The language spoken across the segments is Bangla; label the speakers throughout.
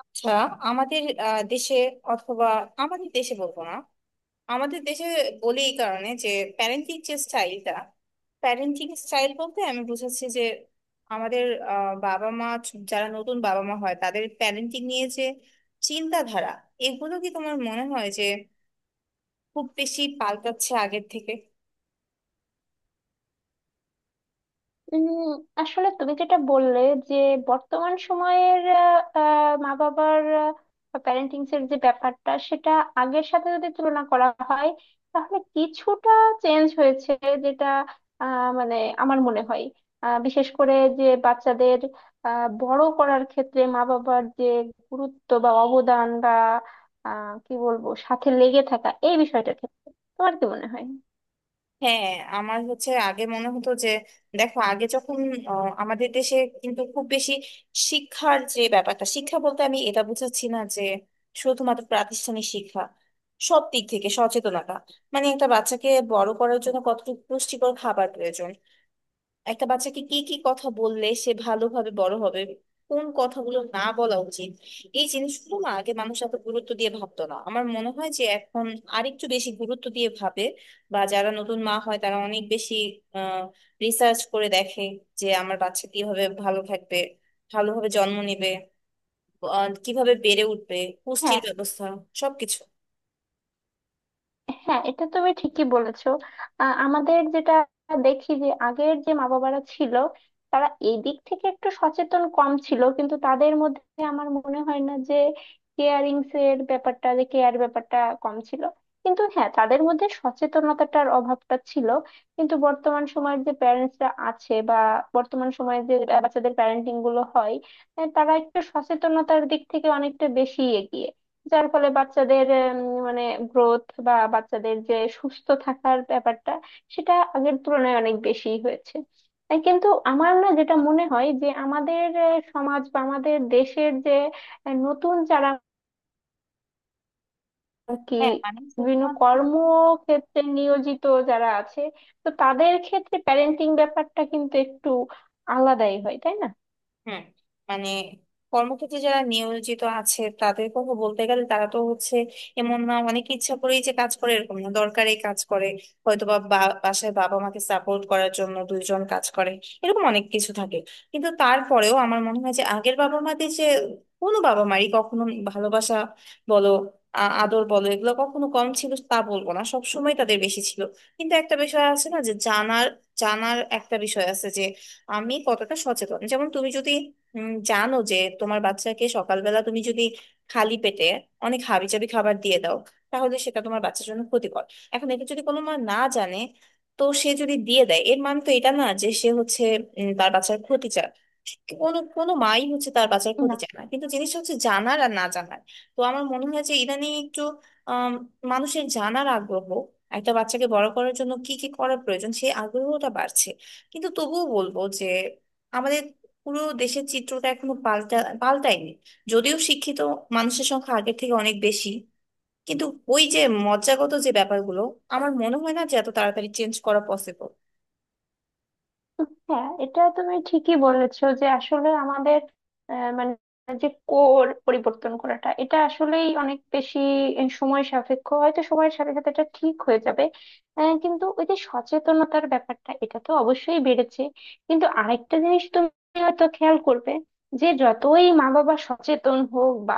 Speaker 1: আচ্ছা, আমাদের দেশে অথবা আমাদের দেশে বলবো না, আমাদের দেশে বলি এই কারণে যে প্যারেন্টিং যে স্টাইলটা, প্যারেন্টিং স্টাইল বলতে আমি বুঝাচ্ছি যে আমাদের বাবা মা, যারা নতুন বাবা মা হয় তাদের প্যারেন্টিং নিয়ে যে চিন্তাধারা, এগুলো কি তোমার মনে হয় যে খুব বেশি পাল্টাচ্ছে আগের থেকে?
Speaker 2: উম, আসলে তুমি যেটা বললে যে বর্তমান সময়ের আহ, আহ, মা বাবার প্যারেন্টিং এর যে ব্যাপারটা সেটা আগের সাথে যদি তুলনা করা হয় তাহলে কিছুটা চেঞ্জ হয়েছে, যেটা মানে আমার মনে হয় বিশেষ করে যে বাচ্চাদের বড় করার ক্ষেত্রে মা বাবার যে গুরুত্ব বা অবদান বা কি বলবো সাথে লেগে থাকা এই বিষয়টার ক্ষেত্রে তোমার কি মনে হয়?
Speaker 1: হ্যাঁ, আমার হচ্ছে আগে মনে হতো যে, দেখো, আগে যখন আমাদের দেশে কিন্তু খুব বেশি শিক্ষার যে ব্যাপারটা, শিক্ষা বলতে আমি এটা বুঝাচ্ছি না যে শুধুমাত্র প্রাতিষ্ঠানিক শিক্ষা, সব দিক থেকে সচেতনতা। মানে একটা বাচ্চাকে বড় করার জন্য কতটুকু পুষ্টিকর খাবার প্রয়োজন, একটা বাচ্চাকে কি কি কথা বললে সে ভালোভাবে বড় হবে, কোন কথাগুলো না বলা উচিত, এই জিনিসগুলো না আগে মানুষ এত গুরুত্ব দিয়ে ভাবতো না। আমার মনে হয় যে এখন আরেকটু বেশি গুরুত্ব দিয়ে ভাবে, বা যারা নতুন মা হয় তারা অনেক বেশি আহ রিসার্চ করে দেখে যে আমার বাচ্চা কিভাবে ভালো থাকবে, ভালোভাবে জন্ম নেবে, কিভাবে বেড়ে উঠবে, পুষ্টির
Speaker 2: হ্যাঁ,
Speaker 1: ব্যবস্থা, সবকিছু।
Speaker 2: হ্যাঁ, এটা তুমি ঠিকই বলেছো। আমাদের যেটা দেখি যে আগের যে মা বাবারা ছিল তারা এই দিক থেকে একটু সচেতন কম ছিল, কিন্তু তাদের মধ্যে আমার মনে হয় না যে কেয়ারিং এর ব্যাপারটা, যে কেয়ার ব্যাপারটা কম ছিল। কিন্তু হ্যাঁ, তাদের মধ্যে সচেতনতাটার অভাবটা ছিল। কিন্তু বর্তমান সময়ের যে প্যারেন্টসরা আছে বা বর্তমান সময়ে যে বাচ্চাদের প্যারেন্টিং গুলো হয়, তারা একটু সচেতনতার দিক থেকে অনেকটা বেশি এগিয়ে। যার ফলে বাচ্চাদের মানে গ্রোথ বা বাচ্চাদের যে সুস্থ থাকার ব্যাপারটা, সেটা আগের তুলনায় অনেক বেশি হয়েছে। তাই কিন্তু আমার না যেটা মনে হয় যে আমাদের সমাজ বা আমাদের দেশের যে নতুন যারা আর কি
Speaker 1: হ্যাঁ, মানে
Speaker 2: বিভিন্ন
Speaker 1: শুধুমাত্র,
Speaker 2: কর্মক্ষেত্রে নিয়োজিত যারা আছে, তো তাদের ক্ষেত্রে প্যারেন্টিং ব্যাপারটা কিন্তু একটু আলাদাই হয়, তাই
Speaker 1: হুম, মানে কর্মক্ষেত্রে যারা নিয়োজিত আছে তাদের কথা বলতে গেলে তারা তো হচ্ছে, এমন না অনেকে ইচ্ছা করেই যে কাজ করে, এরকম না, দরকারে কাজ করে হয়তোবা, বা বা- বাসায় বাবা মাকে সাপোর্ট করার জন্য দুইজন কাজ করে, এরকম অনেক কিছু থাকে। কিন্তু তারপরেও আমার মনে হয় যে আগের বাবা মাদের যে, কোনো বাবা মারই কখনো ভালোবাসা বলো, আদর বলো, এগুলো কখনো কম ছিল তা বলবো না, সবসময় তাদের বেশি ছিল। কিন্তু একটা বিষয় আছে না, যে জানার জানার একটা বিষয় আছে, আমি কতটা সচেতন। যেমন তুমি যদি জানো যে তোমার বাচ্চাকে সকালবেলা তুমি যদি খালি পেটে অনেক হাবিজাবি খাবার দিয়ে দাও, তাহলে সেটা তোমার বাচ্চার জন্য ক্ষতিকর। এখন এটা যদি কোনো মা না জানে, তো সে যদি দিয়ে দেয়, এর মানে তো এটা না যে সে হচ্ছে তার বাচ্চার ক্ষতি চায়। কোনো কোনো মাই হচ্ছে তার বাচ্চার ক্ষতি
Speaker 2: না?
Speaker 1: চায় না, কিন্তু জিনিসটা হচ্ছে জানার আর না জানার। তো আমার মনে হয় যে ইদানিং একটু আম, মানুষের জানার আগ্রহ, একটা বাচ্চাকে বড় করার জন্য কি কি করা প্রয়োজন সেই আগ্রহটা বাড়ছে। কিন্তু তবুও বলবো যে আমাদের পুরো দেশের চিত্রটা এখনো পাল্টায়নি। যদিও শিক্ষিত মানুষের সংখ্যা আগের থেকে অনেক বেশি, কিন্তু ওই যে মজ্জাগত যে ব্যাপারগুলো, আমার মনে হয় না যে এত তাড়াতাড়ি চেঞ্জ করা পসিবল।
Speaker 2: হ্যাঁ, এটা তুমি ঠিকই বলেছো যে আসলে আমাদের মানে যে কোর পরিবর্তন করাটা, এটা আসলেই অনেক বেশি সময় সাপেক্ষ। হয়তো সময়ের সাথে সাথে এটা ঠিক হয়ে যাবে। কিন্তু ওই যে সচেতনতার ব্যাপারটা, এটা তো অবশ্যই বেড়েছে। কিন্তু আরেকটা জিনিস তুমি হয়তো খেয়াল করবে যে যতই মা বাবা সচেতন হোক বা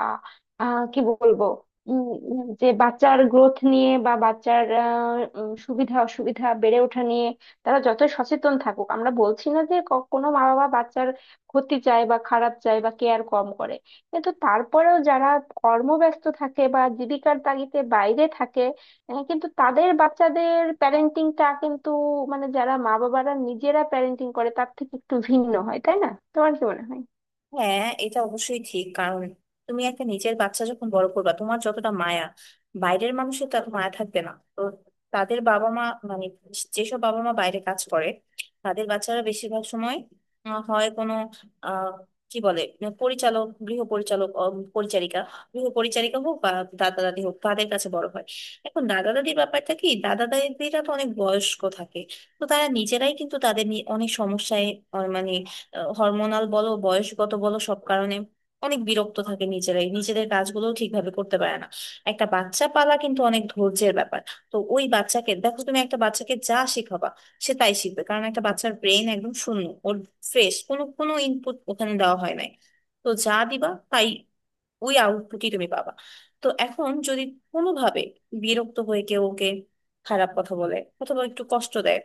Speaker 2: কি বলবো, উম, উম, যে বাচ্চার গ্রোথ নিয়ে বা বাচ্চার সুবিধা অসুবিধা বেড়ে ওঠা নিয়ে তারা যতই সচেতন থাকুক, আমরা বলছি না যে কোনো মা বাবা বাচ্চার ক্ষতি চায় বা খারাপ চায় বা কেয়ার কম করে। কিন্তু তারপরেও যারা কর্মব্যস্ত থাকে বা জীবিকার তাগিদে বাইরে থাকে, কিন্তু তাদের বাচ্চাদের প্যারেন্টিংটা কিন্তু মানে যারা মা বাবারা নিজেরা প্যারেন্টিং করে তার থেকে একটু ভিন্ন হয়, তাই না? তোমার কি মনে হয়?
Speaker 1: হ্যাঁ, এটা অবশ্যই ঠিক, কারণ তুমি একটা নিজের বাচ্চা যখন বড় করবা তোমার যতটা মায়া, বাইরের মানুষের তো এত মায়া থাকবে না। তো তাদের বাবা মা, মানে যেসব বাবা মা বাইরে কাজ করে, তাদের বাচ্চারা বেশিরভাগ সময় হয় কোনো আহ কি বলে মানে পরিচালক, গৃহ পরিচালক, পরিচারিকা, গৃহ পরিচারিকা হোক বা দাদা দাদি হোক, তাদের কাছে বড় হয়। এখন দাদা দাদির ব্যাপারটা কি, দাদা দাদিরা তো অনেক বয়স্ক থাকে, তো তারা নিজেরাই কিন্তু তাদের নিয়ে অনেক সমস্যায়, মানে হরমোনাল বলো, বয়সগত বলো, সব কারণে অনেক বিরক্ত থাকে, নিজেরাই নিজেদের কাজগুলো ঠিকভাবে করতে পারে না। একটা বাচ্চা পালা কিন্তু অনেক ধৈর্যের ব্যাপার। তো ওই বাচ্চাকে দেখো, তুমি একটা বাচ্চাকে যা শেখাবা সে তাই শিখবে, কারণ একটা বাচ্চার ব্রেন একদম শূন্য, ওর ফ্রেশ, কোনো কোনো ইনপুট ওখানে দেওয়া হয় নাই। তো যা দিবা তাই, ওই আউটপুটই তুমি পাবা। তো এখন যদি কোনোভাবে বিরক্ত হয়ে কেউ ওকে খারাপ কথা বলে অথবা একটু কষ্ট দেয়,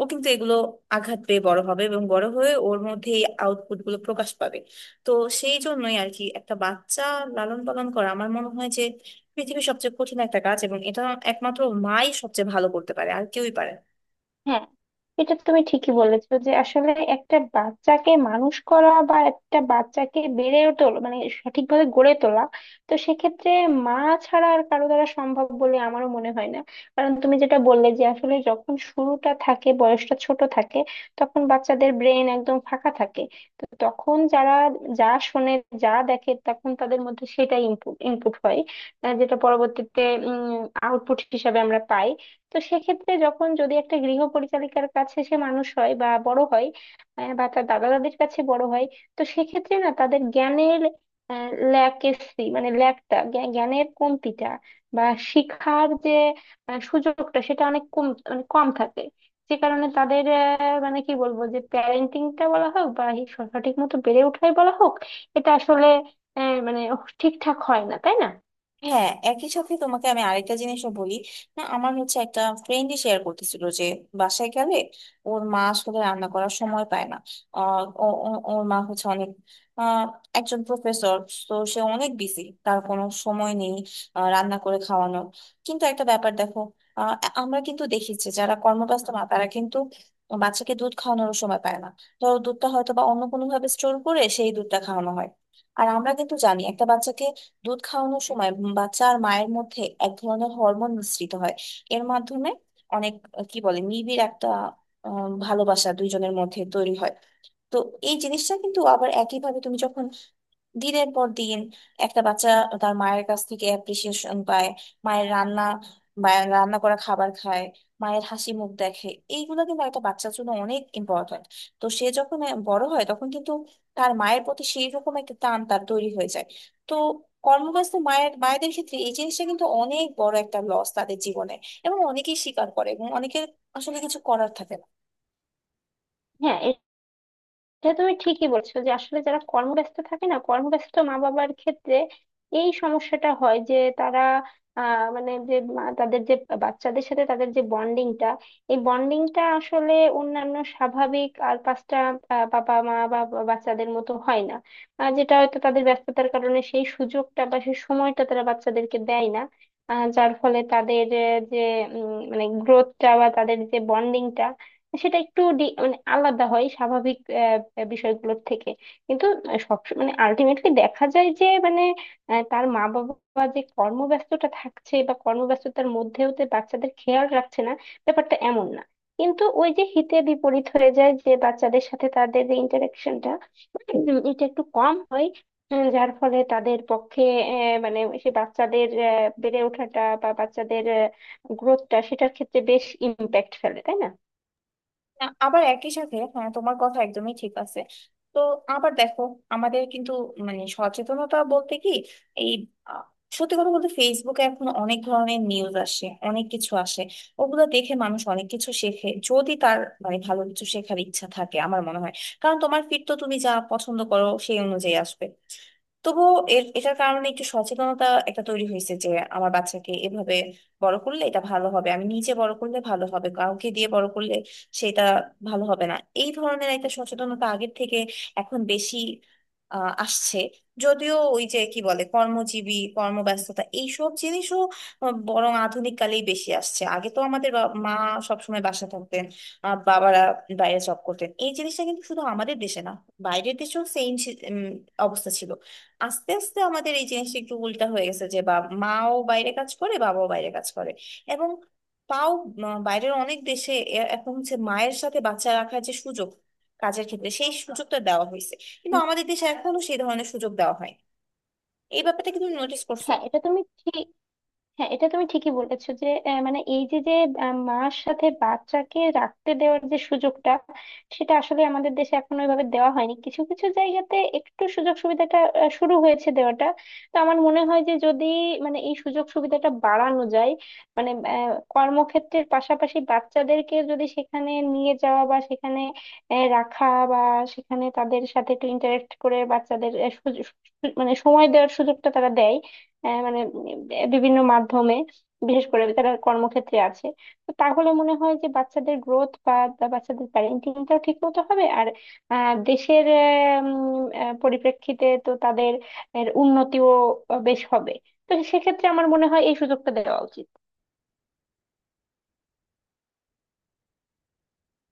Speaker 1: ও কিন্তু এগুলো আঘাত পেয়ে বড় হবে এবং বড় হয়ে ওর মধ্যে এই আউটপুট গুলো প্রকাশ পাবে। তো সেই জন্যই আর কি একটা বাচ্চা লালন পালন করা আমার মনে হয় যে পৃথিবীর সবচেয়ে কঠিন একটা কাজ, এবং এটা একমাত্র মাই সবচেয়ে ভালো করতে পারে, আর কেউই পারে না।
Speaker 2: হ্যাঁ, এটা তুমি ঠিকই বলেছো যে আসলে একটা বাচ্চাকে মানুষ করা বা একটা বাচ্চাকে বেড়ে তোলা মানে সঠিকভাবে গড়ে তোলা, তো সেক্ষেত্রে মা ছাড়া আর কারো দ্বারা সম্ভব বলে আমারও মনে হয় না। কারণ তুমি যেটা বললে যে আসলে যখন শুরুটা থাকে, বয়সটা ছোট থাকে, তখন বাচ্চাদের ব্রেন একদম ফাঁকা থাকে। তো তখন যারা যা শোনে, যা দেখে তখন তাদের মধ্যে সেটাই ইনপুট ইনপুট হয়, যেটা পরবর্তীতে আউটপুট হিসাবে আমরা পাই। তো সেক্ষেত্রে যখন যদি একটা গৃহ পরিচালিকার কাছে সে মানুষ হয় বা বড় হয়, বা তার দাদা দাদির কাছে বড় হয়, তো সেক্ষেত্রে না তাদের জ্ঞানের ল্যাকেসি মানে ল্যাকটা, জ্ঞানের কমতিটা বা শিক্ষার যে সুযোগটা, সেটা অনেক কম মানে কম থাকে। যে কারণে তাদের মানে কি বলবো, যে প্যারেন্টিংটা বলা হোক বা এই সঠিক মতো বেড়ে ওঠাই বলা হোক, এটা আসলে মানে ঠিকঠাক হয় না, তাই না?
Speaker 1: হ্যাঁ, একই সাথে তোমাকে আমি আরেকটা জিনিসও বলি। না, আমার হচ্ছে একটা ফ্রেন্ডই শেয়ার করতেছিল যে বাসায় গেলে ওর মা আসলে রান্না করার সময় পায় না। ওর মা হচ্ছে অনেক আহ, একজন প্রফেসর, তো সে অনেক বিজি, তার কোনো সময় নেই রান্না করে খাওয়ানোর। কিন্তু একটা ব্যাপার দেখো, আহ, আমরা কিন্তু দেখেছি যারা কর্মব্যস্ত মা তারা কিন্তু বাচ্চাকে দুধ খাওয়ানোর সময় পায় না, ধরো দুধটা হয়তো বা অন্য কোনো ভাবে স্টোর করে সেই দুধটা খাওয়ানো হয়। আর আমরা কিন্তু জানি একটা বাচ্চাকে দুধ খাওয়ানোর সময় বাচ্চা আর মায়ের মধ্যে এক ধরনের হরমোন মিশ্রিত হয়, এর মাধ্যমে অনেক কি বলে নিবিড় একটা ভালোবাসা দুইজনের মধ্যে তৈরি হয়। তো এই জিনিসটা কিন্তু আবার একইভাবে, তুমি যখন দিনের পর দিন একটা বাচ্চা তার মায়ের কাছ থেকে অ্যাপ্রিসিয়েশন পায়, মায়ের রান্না মায়ের রান্না করা খাবার খায়, মায়ের হাসি মুখ দেখে, এইগুলো কিন্তু একটা বাচ্চার জন্য অনেক ইম্পর্ট্যান্ট। তো সে যখন বড় হয় তখন কিন্তু তার মায়ের প্রতি সেই রকম একটা টান তার তৈরি হয়ে যায়। তো কর্মব্যস্ত মায়েদের ক্ষেত্রে এই জিনিসটা কিন্তু অনেক বড় একটা লস তাদের জীবনে, এবং অনেকেই স্বীকার করে, এবং অনেকের আসলে কিছু করার থাকে না।
Speaker 2: হ্যাঁ, এটা তুমি ঠিকই বলছো যে আসলে যারা কর্মব্যস্ত থাকে না কর্মব্যস্ত মা বাবার ক্ষেত্রে এই সমস্যাটা হয় যে তারা আহ মানে যে মা- তাদের যে বাচ্চাদের সাথে তাদের যে বন্ডিংটা এই বন্ডিংটা আসলে অন্যান্য স্বাভাবিক আর পাঁচটা আহ, বাবা মা বা বা- বাচ্চাদের মতো হয় না আহ, যেটা হয়তো তাদের ব্যস্ততার কারণে সেই সুযোগটা বা সেই সময়টা তারা বাচ্চাদেরকে দেয় না আহ, যার ফলে তাদের আহ, যে উম, মানে গ্রোথটা বা তাদের যে বন্ডিংটা সেটা একটু ডি- মানে আলাদা হয় স্বাভাবিক আহ, বিষয়গুলোর থেকে কিন্তু সব মানে আলটিমেটলি দেখা যায় যে মানে আহ, তার মা বাবা যে কর্মব্যস্ততা থাকছে বা কর্মব্যস্ততার মধ্যেও যে বাচ্চাদের খেয়াল রাখছে না ব্যাপারটা এমন না কিন্তু ওই যে হিতে বিপরীত হয়ে যায় যে বাচ্চাদের সাথে তাদের যে ইন্টারাকশনটা এটা একটু কম হয় উম, যার ফলে তাদের পক্ষে আহ, মানে সে বাচ্চাদের আহ, বেড়ে ওঠাটা বা বাচ্চাদের গ্রোথটা সেটার ক্ষেত্রে বেশ ইম্প্যাক্ট ফেলে তাই না
Speaker 1: আবার একই সাথে, হ্যাঁ, তোমার কথা একদমই ঠিক আছে। তো আবার দেখো, আমাদের কিন্তু মানে সচেতনতা বলতে কি, এই আ, সত্যি কথা বলতে ফেসবুকে এখন অনেক ধরনের নিউজ আসে, অনেক কিছু আসে, ওগুলো দেখে মানুষ অনেক কিছু শেখে যদি তার মানে ভালো কিছু শেখার ইচ্ছা থাকে, আমার মনে হয়। কারণ তোমার ফিড তো তুমি যা পছন্দ করো সেই অনুযায়ী আসবে। তবুও এটার কারণে একটু সচেতনতা একটা তৈরি হয়েছে যে আমার বাচ্চাকে এভাবে বড় করলে এটা ভালো হবে, আমি নিজে বড় করলে ভালো হবে, কাউকে দিয়ে বড় করলে সেটা ভালো হবে না। এই ধরনের একটা সচেতনতা আগের থেকে এখন বেশি আসছে। যদিও ওই যে কি বলে কর্মজীবী, কর্মব্যস্ততা এইসব জিনিসও বরং আধুনিক কালেই বেশি আসছে। আগে তো আমাদের মা সবসময় বাসা থাকতেন, বাবারা বাইরে জব করতেন, এই জিনিসটা কিন্তু শুধু আমাদের দেশে না, বাইরের দেশেও সেম অবস্থা ছিল। আস্তে আস্তে আমাদের এই জিনিসটা একটু উল্টা হয়ে গেছে যে বা মাও বাইরে কাজ করে, বাবাও বাইরে কাজ করে। এবং তাও, বাইরের অনেক দেশে এখন হচ্ছে মায়ের সাথে বাচ্চা রাখার যে সুযোগ, কাজের ক্ষেত্রে সেই সুযোগটা দেওয়া হয়েছে, কিন্তু আমাদের দেশে এখনো সেই ধরনের সুযোগ দেওয়া হয়। এই ব্যাপারটা কি তুমি নোটিস করছো?
Speaker 2: হ্যাঁ এটা তুমি ঠিক হ্যাঁ এটা তুমি ঠিকই বলেছো যে মানে এই যে যে মার সাথে বাচ্চাকে রাখতে দেওয়ার যে সুযোগটা, সেটা আসলে আমাদের দেশে এখন ওইভাবে দেওয়া হয়নি। কিছু কিছু জায়গাতে একটু সুযোগ সুবিধাটা শুরু হয়েছে দেওয়াটা। তো আমার মনে হয় যে যদি মানে এই সুযোগ সুবিধাটা বাড়ানো যায়, মানে কর্মক্ষেত্রের পাশাপাশি বাচ্চাদেরকে যদি সেখানে নিয়ে যাওয়া বা সেখানে রাখা বা সেখানে তাদের সাথে একটু ইন্টারেক্ট করে বাচ্চাদের মানে সময় দেওয়ার সুযোগটা তারা দেয়, মানে বিভিন্ন মাধ্যমে, বিশেষ করে তারা কর্মক্ষেত্রে আছে, তো তাহলে মনে হয় যে বাচ্চাদের গ্রোথ বা বা বাচ্চাদের প্যারেন্টিংটাও ঠিক মতো হবে। আর দেশের পরিপ্রেক্ষিতে তো তাদের এর উন্নতিও বেশ হবে। তো সেক্ষেত্রে আমার মনে হয় এই সুযোগটা দেওয়া উচিত।